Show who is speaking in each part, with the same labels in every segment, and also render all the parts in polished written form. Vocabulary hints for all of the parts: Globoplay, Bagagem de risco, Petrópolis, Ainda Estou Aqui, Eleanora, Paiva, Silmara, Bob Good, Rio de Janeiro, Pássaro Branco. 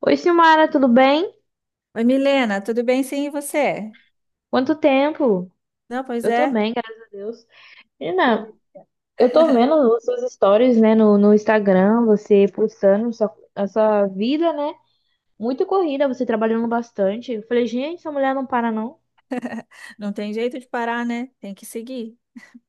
Speaker 1: Oi, Silmara, tudo bem?
Speaker 2: Oi, Milena, tudo bem? Sim, e você?
Speaker 1: Quanto tempo?
Speaker 2: Não, pois
Speaker 1: Eu tô
Speaker 2: é,
Speaker 1: bem, graças a Deus. Menina, eu tô vendo as suas stories, né, no Instagram, você postando a sua vida, né? Muito corrida, você trabalhando bastante. Eu falei, gente, essa mulher não para, não.
Speaker 2: não tem jeito de parar, né? Tem que seguir.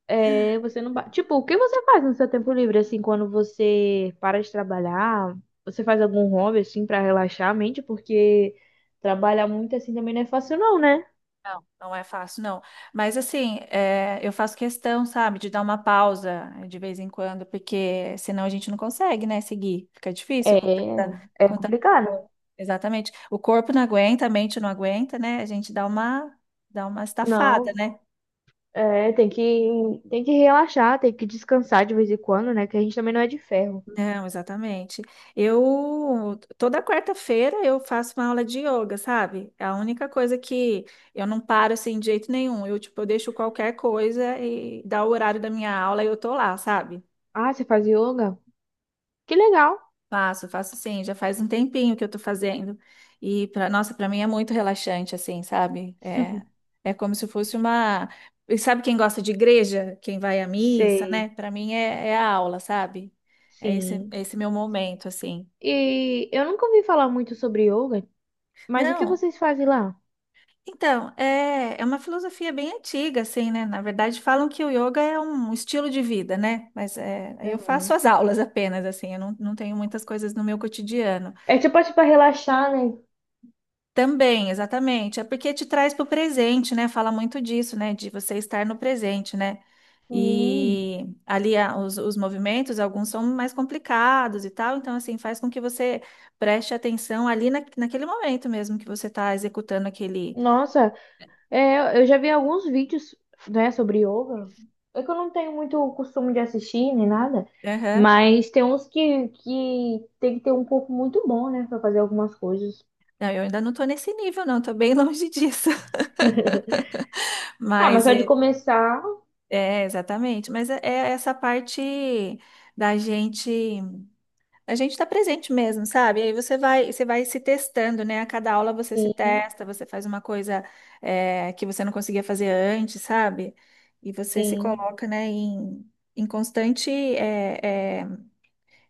Speaker 1: É, você não. Tipo, o que você faz no seu tempo livre, assim, quando você para de trabalhar? Você faz algum hobby, assim, pra relaxar a mente? Porque trabalhar muito, assim, também não é fácil, não, né?
Speaker 2: Não, não é fácil, não. Mas assim, eu faço questão, sabe, de dar uma pausa de vez em quando, porque senão a gente não consegue, né, seguir. Fica difícil
Speaker 1: É,
Speaker 2: com
Speaker 1: é
Speaker 2: tanta
Speaker 1: complicado.
Speaker 2: coisa. Exatamente. O corpo não aguenta, a mente não aguenta, né? A gente dá uma estafada,
Speaker 1: Não,
Speaker 2: né?
Speaker 1: é, tem que relaxar, tem que descansar de vez em quando, né? Que a gente também não é de ferro.
Speaker 2: Não, exatamente. Eu toda quarta-feira eu faço uma aula de yoga, sabe? É a única coisa que eu não paro assim de jeito nenhum. Eu tipo, eu deixo qualquer coisa e dá o horário da minha aula e eu tô lá, sabe?
Speaker 1: Ah, você faz yoga? Que legal.
Speaker 2: Faço, faço sim, já faz um tempinho que eu tô fazendo. E para mim é muito relaxante assim, sabe? É como se fosse uma. E sabe, quem gosta de igreja, quem vai à missa, né?
Speaker 1: Sei,
Speaker 2: Para mim é a aula, sabe? É esse,
Speaker 1: sim.
Speaker 2: é esse meu momento assim.
Speaker 1: E eu nunca ouvi falar muito sobre yoga, mas o que
Speaker 2: Não.
Speaker 1: vocês fazem lá?
Speaker 2: Então, é uma filosofia bem antiga, assim, né? Na verdade, falam que o yoga é um estilo de vida, né? Mas eu faço
Speaker 1: Aham.
Speaker 2: as aulas apenas, assim, eu não tenho muitas coisas no meu cotidiano.
Speaker 1: É tipo assim pra relaxar, né?
Speaker 2: Também, exatamente, é porque te traz para o presente, né? Fala muito disso, né? De você estar no presente, né?
Speaker 1: Sim.
Speaker 2: E ali os movimentos, alguns são mais complicados e tal, então, assim, faz com que você preste atenção ali naquele momento mesmo que você está executando aquele.
Speaker 1: Nossa, é, eu já vi alguns vídeos, né, sobre yoga. É que eu não tenho muito o costume de assistir nem nada, mas tem uns que tem que ter um corpo muito bom, né, pra fazer algumas coisas.
Speaker 2: Não, eu ainda não estou nesse nível, não, estou bem longe disso.
Speaker 1: Ah, mas
Speaker 2: Mas
Speaker 1: só de começar,
Speaker 2: exatamente. Mas é essa parte da gente, a gente está presente mesmo, sabe? Aí você vai se testando, né? A cada aula você se
Speaker 1: sim,
Speaker 2: testa, você faz uma coisa que você não conseguia fazer antes, sabe? E você se
Speaker 1: sim,
Speaker 2: coloca, né, em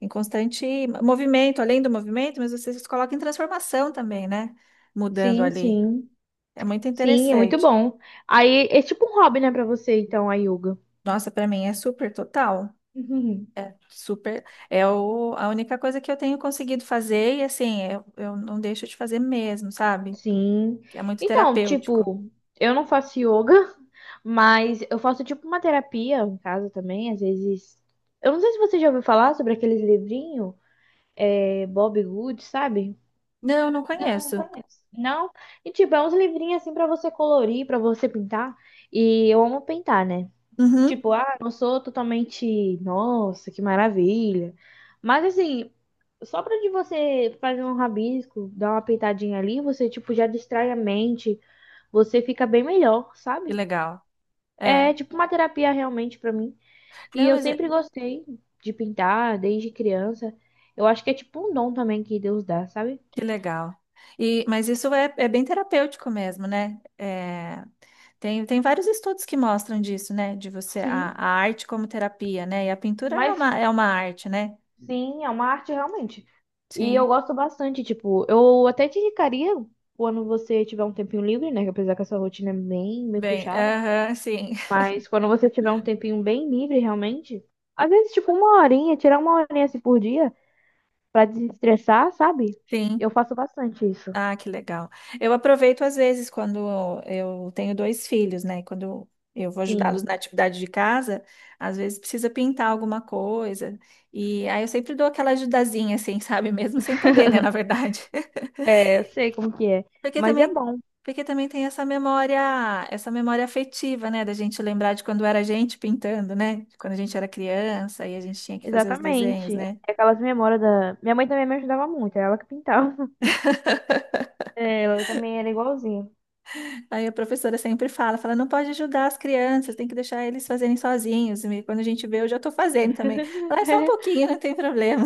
Speaker 2: em constante movimento, além do movimento, mas você se coloca em transformação também, né? Mudando
Speaker 1: sim,
Speaker 2: ali.
Speaker 1: sim,
Speaker 2: É muito
Speaker 1: sim, é muito
Speaker 2: interessante.
Speaker 1: bom. Aí é tipo um hobby, né, pra você, então, a yoga.
Speaker 2: Nossa, para mim é super total.
Speaker 1: Uhum.
Speaker 2: É super. É a única coisa que eu tenho conseguido fazer, e assim, eu não deixo de fazer mesmo, sabe?
Speaker 1: Sim.
Speaker 2: Que é muito
Speaker 1: Então,
Speaker 2: terapêutico.
Speaker 1: tipo, eu não faço yoga, mas eu faço tipo uma terapia em casa também, às vezes. Eu não sei se você já ouviu falar sobre aqueles livrinhos, é, Bob Good, sabe?
Speaker 2: Não, não
Speaker 1: Não, não
Speaker 2: conheço.
Speaker 1: conheço. Não? E tipo, é uns livrinhos assim pra você colorir, pra você pintar. E eu amo pintar, né?
Speaker 2: Uhum,
Speaker 1: Tipo, ah, não sou totalmente, nossa, que maravilha. Mas assim, só pra de você fazer um rabisco, dar uma pitadinha ali, você tipo já distrai a mente, você fica bem melhor,
Speaker 2: que
Speaker 1: sabe?
Speaker 2: legal.
Speaker 1: É
Speaker 2: É.
Speaker 1: tipo uma terapia realmente pra mim. E
Speaker 2: Não,
Speaker 1: eu sempre gostei de pintar desde criança. Eu acho que é tipo um dom também que Deus dá, sabe?
Speaker 2: que legal. E, mas isso é bem terapêutico mesmo, né? É, tem vários estudos que mostram disso, né? De você, a,
Speaker 1: Sim.
Speaker 2: a arte como terapia, né? E a pintura é
Speaker 1: Mas
Speaker 2: uma arte, né?
Speaker 1: sim, é uma arte realmente. E eu
Speaker 2: Sim.
Speaker 1: gosto bastante, tipo, eu até te indicaria quando você tiver um tempinho livre, né? Que apesar que essa rotina é bem, bem
Speaker 2: Bem,
Speaker 1: puxada.
Speaker 2: aham, sim.
Speaker 1: Mas quando você tiver um tempinho bem livre, realmente, às vezes, tipo, uma horinha, tirar uma horinha assim por dia pra desestressar, sabe?
Speaker 2: Sim.
Speaker 1: Eu faço bastante isso.
Speaker 2: Ah, que legal. Eu aproveito às vezes quando eu tenho dois filhos, né? Quando eu vou ajudá-los
Speaker 1: Sim.
Speaker 2: na atividade de casa, às vezes precisa pintar alguma coisa. E aí eu sempre dou aquela ajudazinha, assim, sabe? Mesmo sem poder, né? Na verdade.
Speaker 1: É, eu sei como que é.
Speaker 2: Porque
Speaker 1: Mas é
Speaker 2: também,
Speaker 1: bom,
Speaker 2: porque também tem essa memória afetiva, né? Da gente lembrar de quando era a gente pintando, né? de Quando a gente era criança e a gente tinha que fazer os desenhos,
Speaker 1: exatamente.
Speaker 2: né?
Speaker 1: É aquelas memórias da. Minha mãe também me ajudava muito, era ela que pintava. É, ela também era igualzinha.
Speaker 2: Aí a professora sempre fala, não pode ajudar as crianças, tem que deixar eles fazerem sozinhos. E quando a gente vê, eu já estou fazendo também. Fala, é só um pouquinho, não tem problema.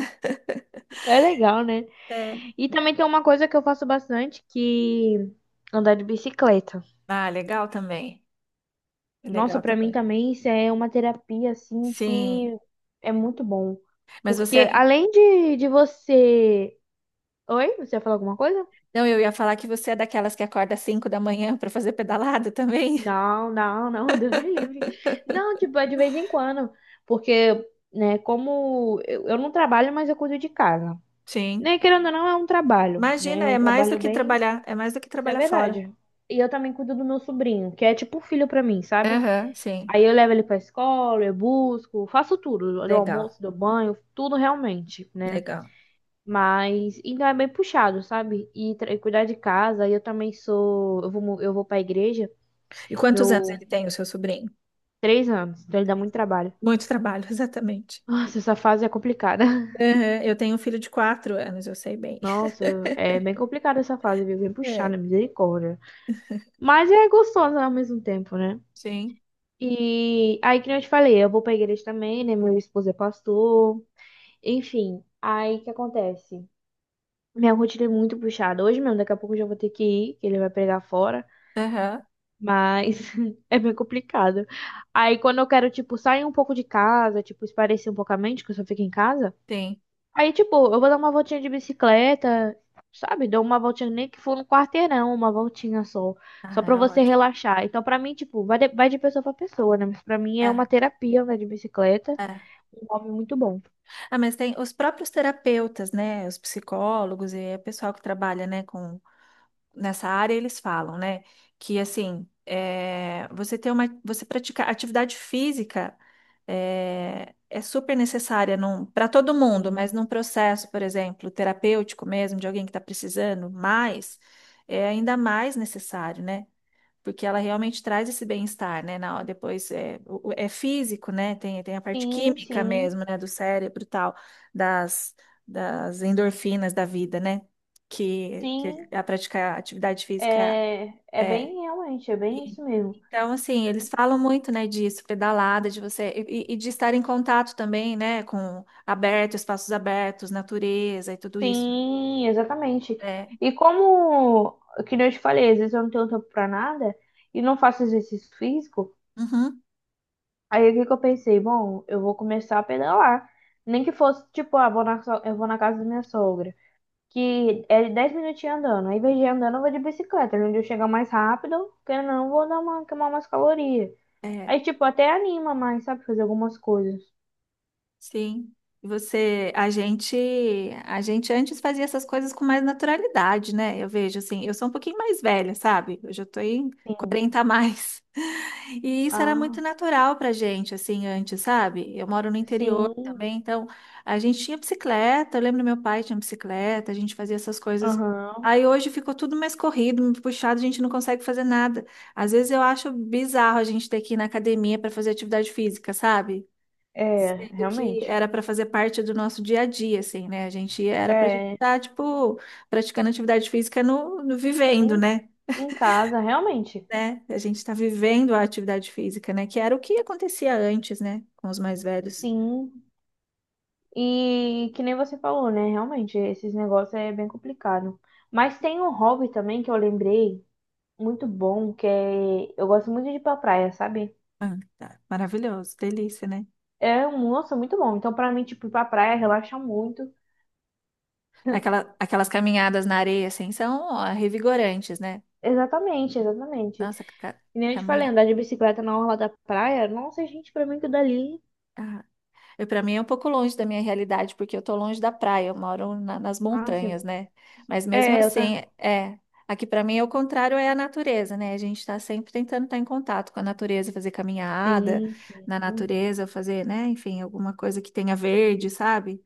Speaker 1: É legal, né?
Speaker 2: É.
Speaker 1: E também tem uma coisa que eu faço bastante, que andar de bicicleta.
Speaker 2: Ah, legal também.
Speaker 1: Nossa,
Speaker 2: Legal
Speaker 1: pra mim
Speaker 2: também.
Speaker 1: também isso é uma terapia assim
Speaker 2: Sim.
Speaker 1: que é muito bom.
Speaker 2: Mas você.
Speaker 1: Porque além de você. Oi? Você ia falar alguma coisa?
Speaker 2: Não, eu ia falar que você é daquelas que acorda às 5 da manhã para fazer pedalada também?
Speaker 1: Não, não, não, Deus me livre. Não, tipo, é de vez em quando. Porque, né, como eu não trabalho, mas eu cuido de casa.
Speaker 2: Sim.
Speaker 1: Né, querendo ou não, é um trabalho, né?
Speaker 2: Imagina,
Speaker 1: É um
Speaker 2: é mais do
Speaker 1: trabalho
Speaker 2: que
Speaker 1: bem.
Speaker 2: trabalhar, é mais do que
Speaker 1: Isso é
Speaker 2: trabalhar fora.
Speaker 1: verdade. E eu também cuido do meu sobrinho, que é tipo um filho pra mim, sabe?
Speaker 2: Aham, sim.
Speaker 1: Aí eu levo ele pra escola, eu busco, faço tudo, do
Speaker 2: Legal,
Speaker 1: almoço, do banho, tudo realmente, né?
Speaker 2: legal.
Speaker 1: Mas ainda é bem puxado, sabe? E, e cuidar de casa, e eu também sou, eu vou pra igreja,
Speaker 2: E quantos anos ele
Speaker 1: meu
Speaker 2: tem, o seu sobrinho?
Speaker 1: 3 anos, então ele dá muito
Speaker 2: 3 anos.
Speaker 1: trabalho.
Speaker 2: Muito trabalho, exatamente.
Speaker 1: Nossa, essa fase é complicada.
Speaker 2: Aham, eu tenho um filho de 4 anos, eu sei bem.
Speaker 1: Nossa, é bem complicada essa fase, viu? Bem
Speaker 2: É.
Speaker 1: puxada, misericórdia. Mas é gostosa ao mesmo tempo, né?
Speaker 2: Sim.
Speaker 1: E aí, que nem eu te falei, eu vou pra igreja também, né? Meu esposo é pastor. Enfim, aí o que acontece? Minha rotina é muito puxada. Hoje mesmo, daqui a pouco eu já vou ter que ir, que ele vai pregar fora.
Speaker 2: Aham,
Speaker 1: Mas é bem complicado. Aí, quando eu quero, tipo, sair um pouco de casa, tipo, espairecer um pouco a mente, que eu só fico em casa.
Speaker 2: tem.
Speaker 1: Aí, tipo, eu vou dar uma voltinha de bicicleta, sabe? Dou uma voltinha, nem que for no quarteirão, uma voltinha só. Só
Speaker 2: Ah,
Speaker 1: pra
Speaker 2: é
Speaker 1: você
Speaker 2: ótimo.
Speaker 1: relaxar. Então, pra mim, tipo, vai de pessoa pra pessoa, né? Mas pra mim é uma
Speaker 2: É,
Speaker 1: terapia andar de bicicleta.
Speaker 2: é.
Speaker 1: Um hobby muito bom.
Speaker 2: Ah, mas tem os próprios terapeutas, né? Os psicólogos e o pessoal que trabalha, né, com nessa área, eles falam, né, que assim, você praticar atividade física é super necessária para todo mundo,
Speaker 1: Sim.
Speaker 2: mas num processo, por exemplo, terapêutico mesmo, de alguém que está precisando mais, é ainda mais necessário, né? Porque ela realmente traz esse bem-estar, né? Depois é físico, né? Tem a parte
Speaker 1: Sim,
Speaker 2: química
Speaker 1: sim,
Speaker 2: mesmo, né? Do cérebro e tal, das, das endorfinas da vida, né? Que
Speaker 1: sim.
Speaker 2: a praticar atividade física
Speaker 1: É, é
Speaker 2: é.
Speaker 1: bem realmente, é bem
Speaker 2: E-
Speaker 1: isso mesmo.
Speaker 2: então, assim, eles falam muito, né, disso, pedalada, de você, e de estar em contato também, né, espaços abertos, natureza e tudo isso.
Speaker 1: Sim, exatamente.
Speaker 2: É.
Speaker 1: E como, que nem eu te falei, às vezes eu não tenho tempo pra nada e não faço exercício físico,
Speaker 2: Uhum.
Speaker 1: aí o que que eu pensei? Bom, eu vou começar a pedalar. Nem que fosse, tipo, ah, vou na, eu vou na casa da minha sogra, que é 10 minutinhos andando. Aí, em vez de andando, eu vou de bicicleta, onde eu chegar mais rápido, porque não, vou dar uma, queimar umas calorias.
Speaker 2: É.
Speaker 1: Aí, tipo, até anima mais, sabe, fazer algumas coisas.
Speaker 2: Sim. E Você, a gente, a gente antes fazia essas coisas com mais naturalidade, né? Eu vejo assim, eu sou um pouquinho mais velha, sabe? Eu já tô em
Speaker 1: Sim.
Speaker 2: 40 a mais. E isso era muito
Speaker 1: Ah,
Speaker 2: natural pra gente, assim, antes, sabe? Eu moro no interior
Speaker 1: sim.
Speaker 2: também, então a gente tinha bicicleta, eu lembro, meu pai tinha bicicleta, a gente fazia essas coisas.
Speaker 1: Aham.
Speaker 2: Aí hoje ficou tudo mais corrido, muito puxado, a gente não consegue fazer nada. Às vezes eu acho bizarro a gente ter que ir na academia para fazer atividade física, sabe?
Speaker 1: É,
Speaker 2: Sendo que
Speaker 1: realmente.
Speaker 2: era para fazer parte do nosso dia a dia, assim, né? A gente era para a gente
Speaker 1: É.
Speaker 2: estar, tipo, praticando atividade física no vivendo,
Speaker 1: Em,
Speaker 2: né?
Speaker 1: em casa, realmente.
Speaker 2: Né? A gente está vivendo a atividade física, né? Que era o que acontecia antes, né? Com os mais velhos.
Speaker 1: Sim. E que nem você falou, né? Realmente, esses negócios é bem complicado. Mas tem um hobby também que eu lembrei, muito bom, que é. Eu gosto muito de ir pra praia, sabe?
Speaker 2: Ah, tá. Maravilhoso, delícia, né?
Speaker 1: É, um nossa, muito bom. Então, pra mim, tipo, ir pra praia relaxa muito.
Speaker 2: Aquelas caminhadas na areia, assim, são ó, revigorantes, né?
Speaker 1: Exatamente, exatamente.
Speaker 2: Nossa,
Speaker 1: E nem eu te falei,
Speaker 2: caminhar.
Speaker 1: andar de bicicleta na orla da praia, nossa, gente, pra mim que dali.
Speaker 2: Para mim é um pouco longe da minha realidade, porque eu tô longe da praia, eu moro nas
Speaker 1: Ah, sim.
Speaker 2: montanhas, né? Mas mesmo
Speaker 1: É, eu
Speaker 2: assim,
Speaker 1: tá.
Speaker 2: é. Aqui para mim é o contrário, é a natureza, né? A gente está sempre tentando estar em contato com a natureza, fazer caminhada
Speaker 1: Sim,
Speaker 2: na
Speaker 1: sim.
Speaker 2: natureza, fazer, né? Enfim, alguma coisa que tenha verde, sabe?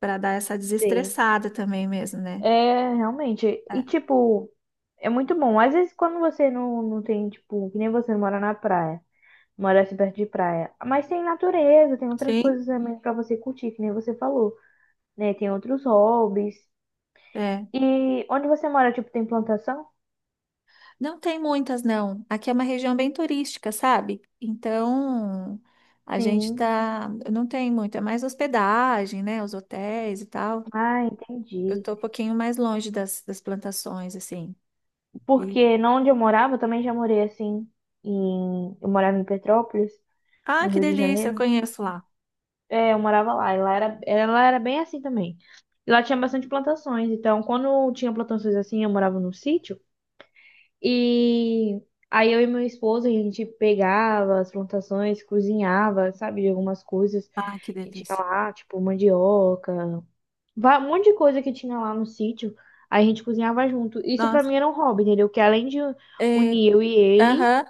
Speaker 2: Para dar essa
Speaker 1: Sim.
Speaker 2: desestressada também mesmo, né?
Speaker 1: É, realmente.
Speaker 2: É.
Speaker 1: E, tipo, é muito bom. Às vezes, quando você não, não tem, tipo, que nem você não mora na praia, mora assim perto de praia. Mas tem natureza, tem outras
Speaker 2: Sim,
Speaker 1: coisas também pra você curtir, que nem você falou, né? Tem outros hobbies.
Speaker 2: é.
Speaker 1: E onde você mora, tipo, tem plantação?
Speaker 2: Não tem muitas, não. Aqui é uma região bem turística, sabe? Então, a gente
Speaker 1: Sim.
Speaker 2: tá. Não tem muito, é mais hospedagem, né? Os hotéis e tal.
Speaker 1: Ah,
Speaker 2: Eu
Speaker 1: entendi.
Speaker 2: tô um pouquinho mais longe das plantações, assim. E…
Speaker 1: Porque não onde eu morava, eu também já morei assim. Eu morava em Petrópolis,
Speaker 2: Ah,
Speaker 1: no
Speaker 2: que
Speaker 1: Rio de
Speaker 2: delícia, eu
Speaker 1: Janeiro.
Speaker 2: conheço lá.
Speaker 1: É, eu morava lá, e lá era, ela era bem assim também. E lá tinha bastante plantações, então quando tinha plantações assim, eu morava num sítio, e aí eu e meu esposo, a gente pegava as plantações, cozinhava, sabe, de algumas coisas
Speaker 2: Ah, que
Speaker 1: que tinha
Speaker 2: delícia.
Speaker 1: lá, tipo mandioca, um monte de coisa que tinha lá no sítio, aí a gente cozinhava junto. Isso pra
Speaker 2: Nossa.
Speaker 1: mim era um hobby, entendeu? Que além de
Speaker 2: É…
Speaker 1: unir eu e ele,
Speaker 2: Aham.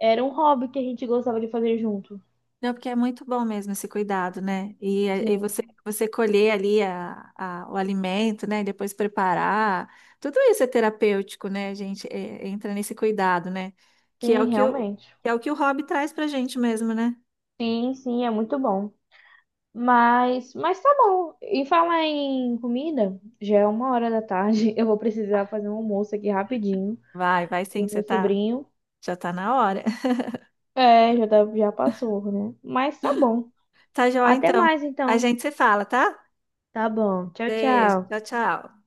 Speaker 1: era um hobby que a gente gostava de fazer junto.
Speaker 2: Não, porque é muito bom mesmo esse cuidado, né? E você,
Speaker 1: Sim,
Speaker 2: você colher ali o alimento, né? E depois preparar. Tudo isso é terapêutico, né, gente? Entra nesse cuidado, né? Que é
Speaker 1: sim,
Speaker 2: o,
Speaker 1: realmente.
Speaker 2: que é o que o hobby traz pra gente mesmo, né?
Speaker 1: Sim, sim, é muito bom. Mas tá bom. E falar em comida, já é uma hora da tarde. Eu vou precisar fazer um almoço aqui rapidinho
Speaker 2: Vai, vai sim,
Speaker 1: pro
Speaker 2: você
Speaker 1: meu
Speaker 2: tá,
Speaker 1: sobrinho.
Speaker 2: já tá na hora.
Speaker 1: É, já, já passou, né? Mas tá bom.
Speaker 2: Tá joia,
Speaker 1: Até
Speaker 2: então.
Speaker 1: mais
Speaker 2: A
Speaker 1: então.
Speaker 2: gente se fala, tá?
Speaker 1: Tá bom. Tchau,
Speaker 2: Beijo,
Speaker 1: tchau.
Speaker 2: tchau, tchau.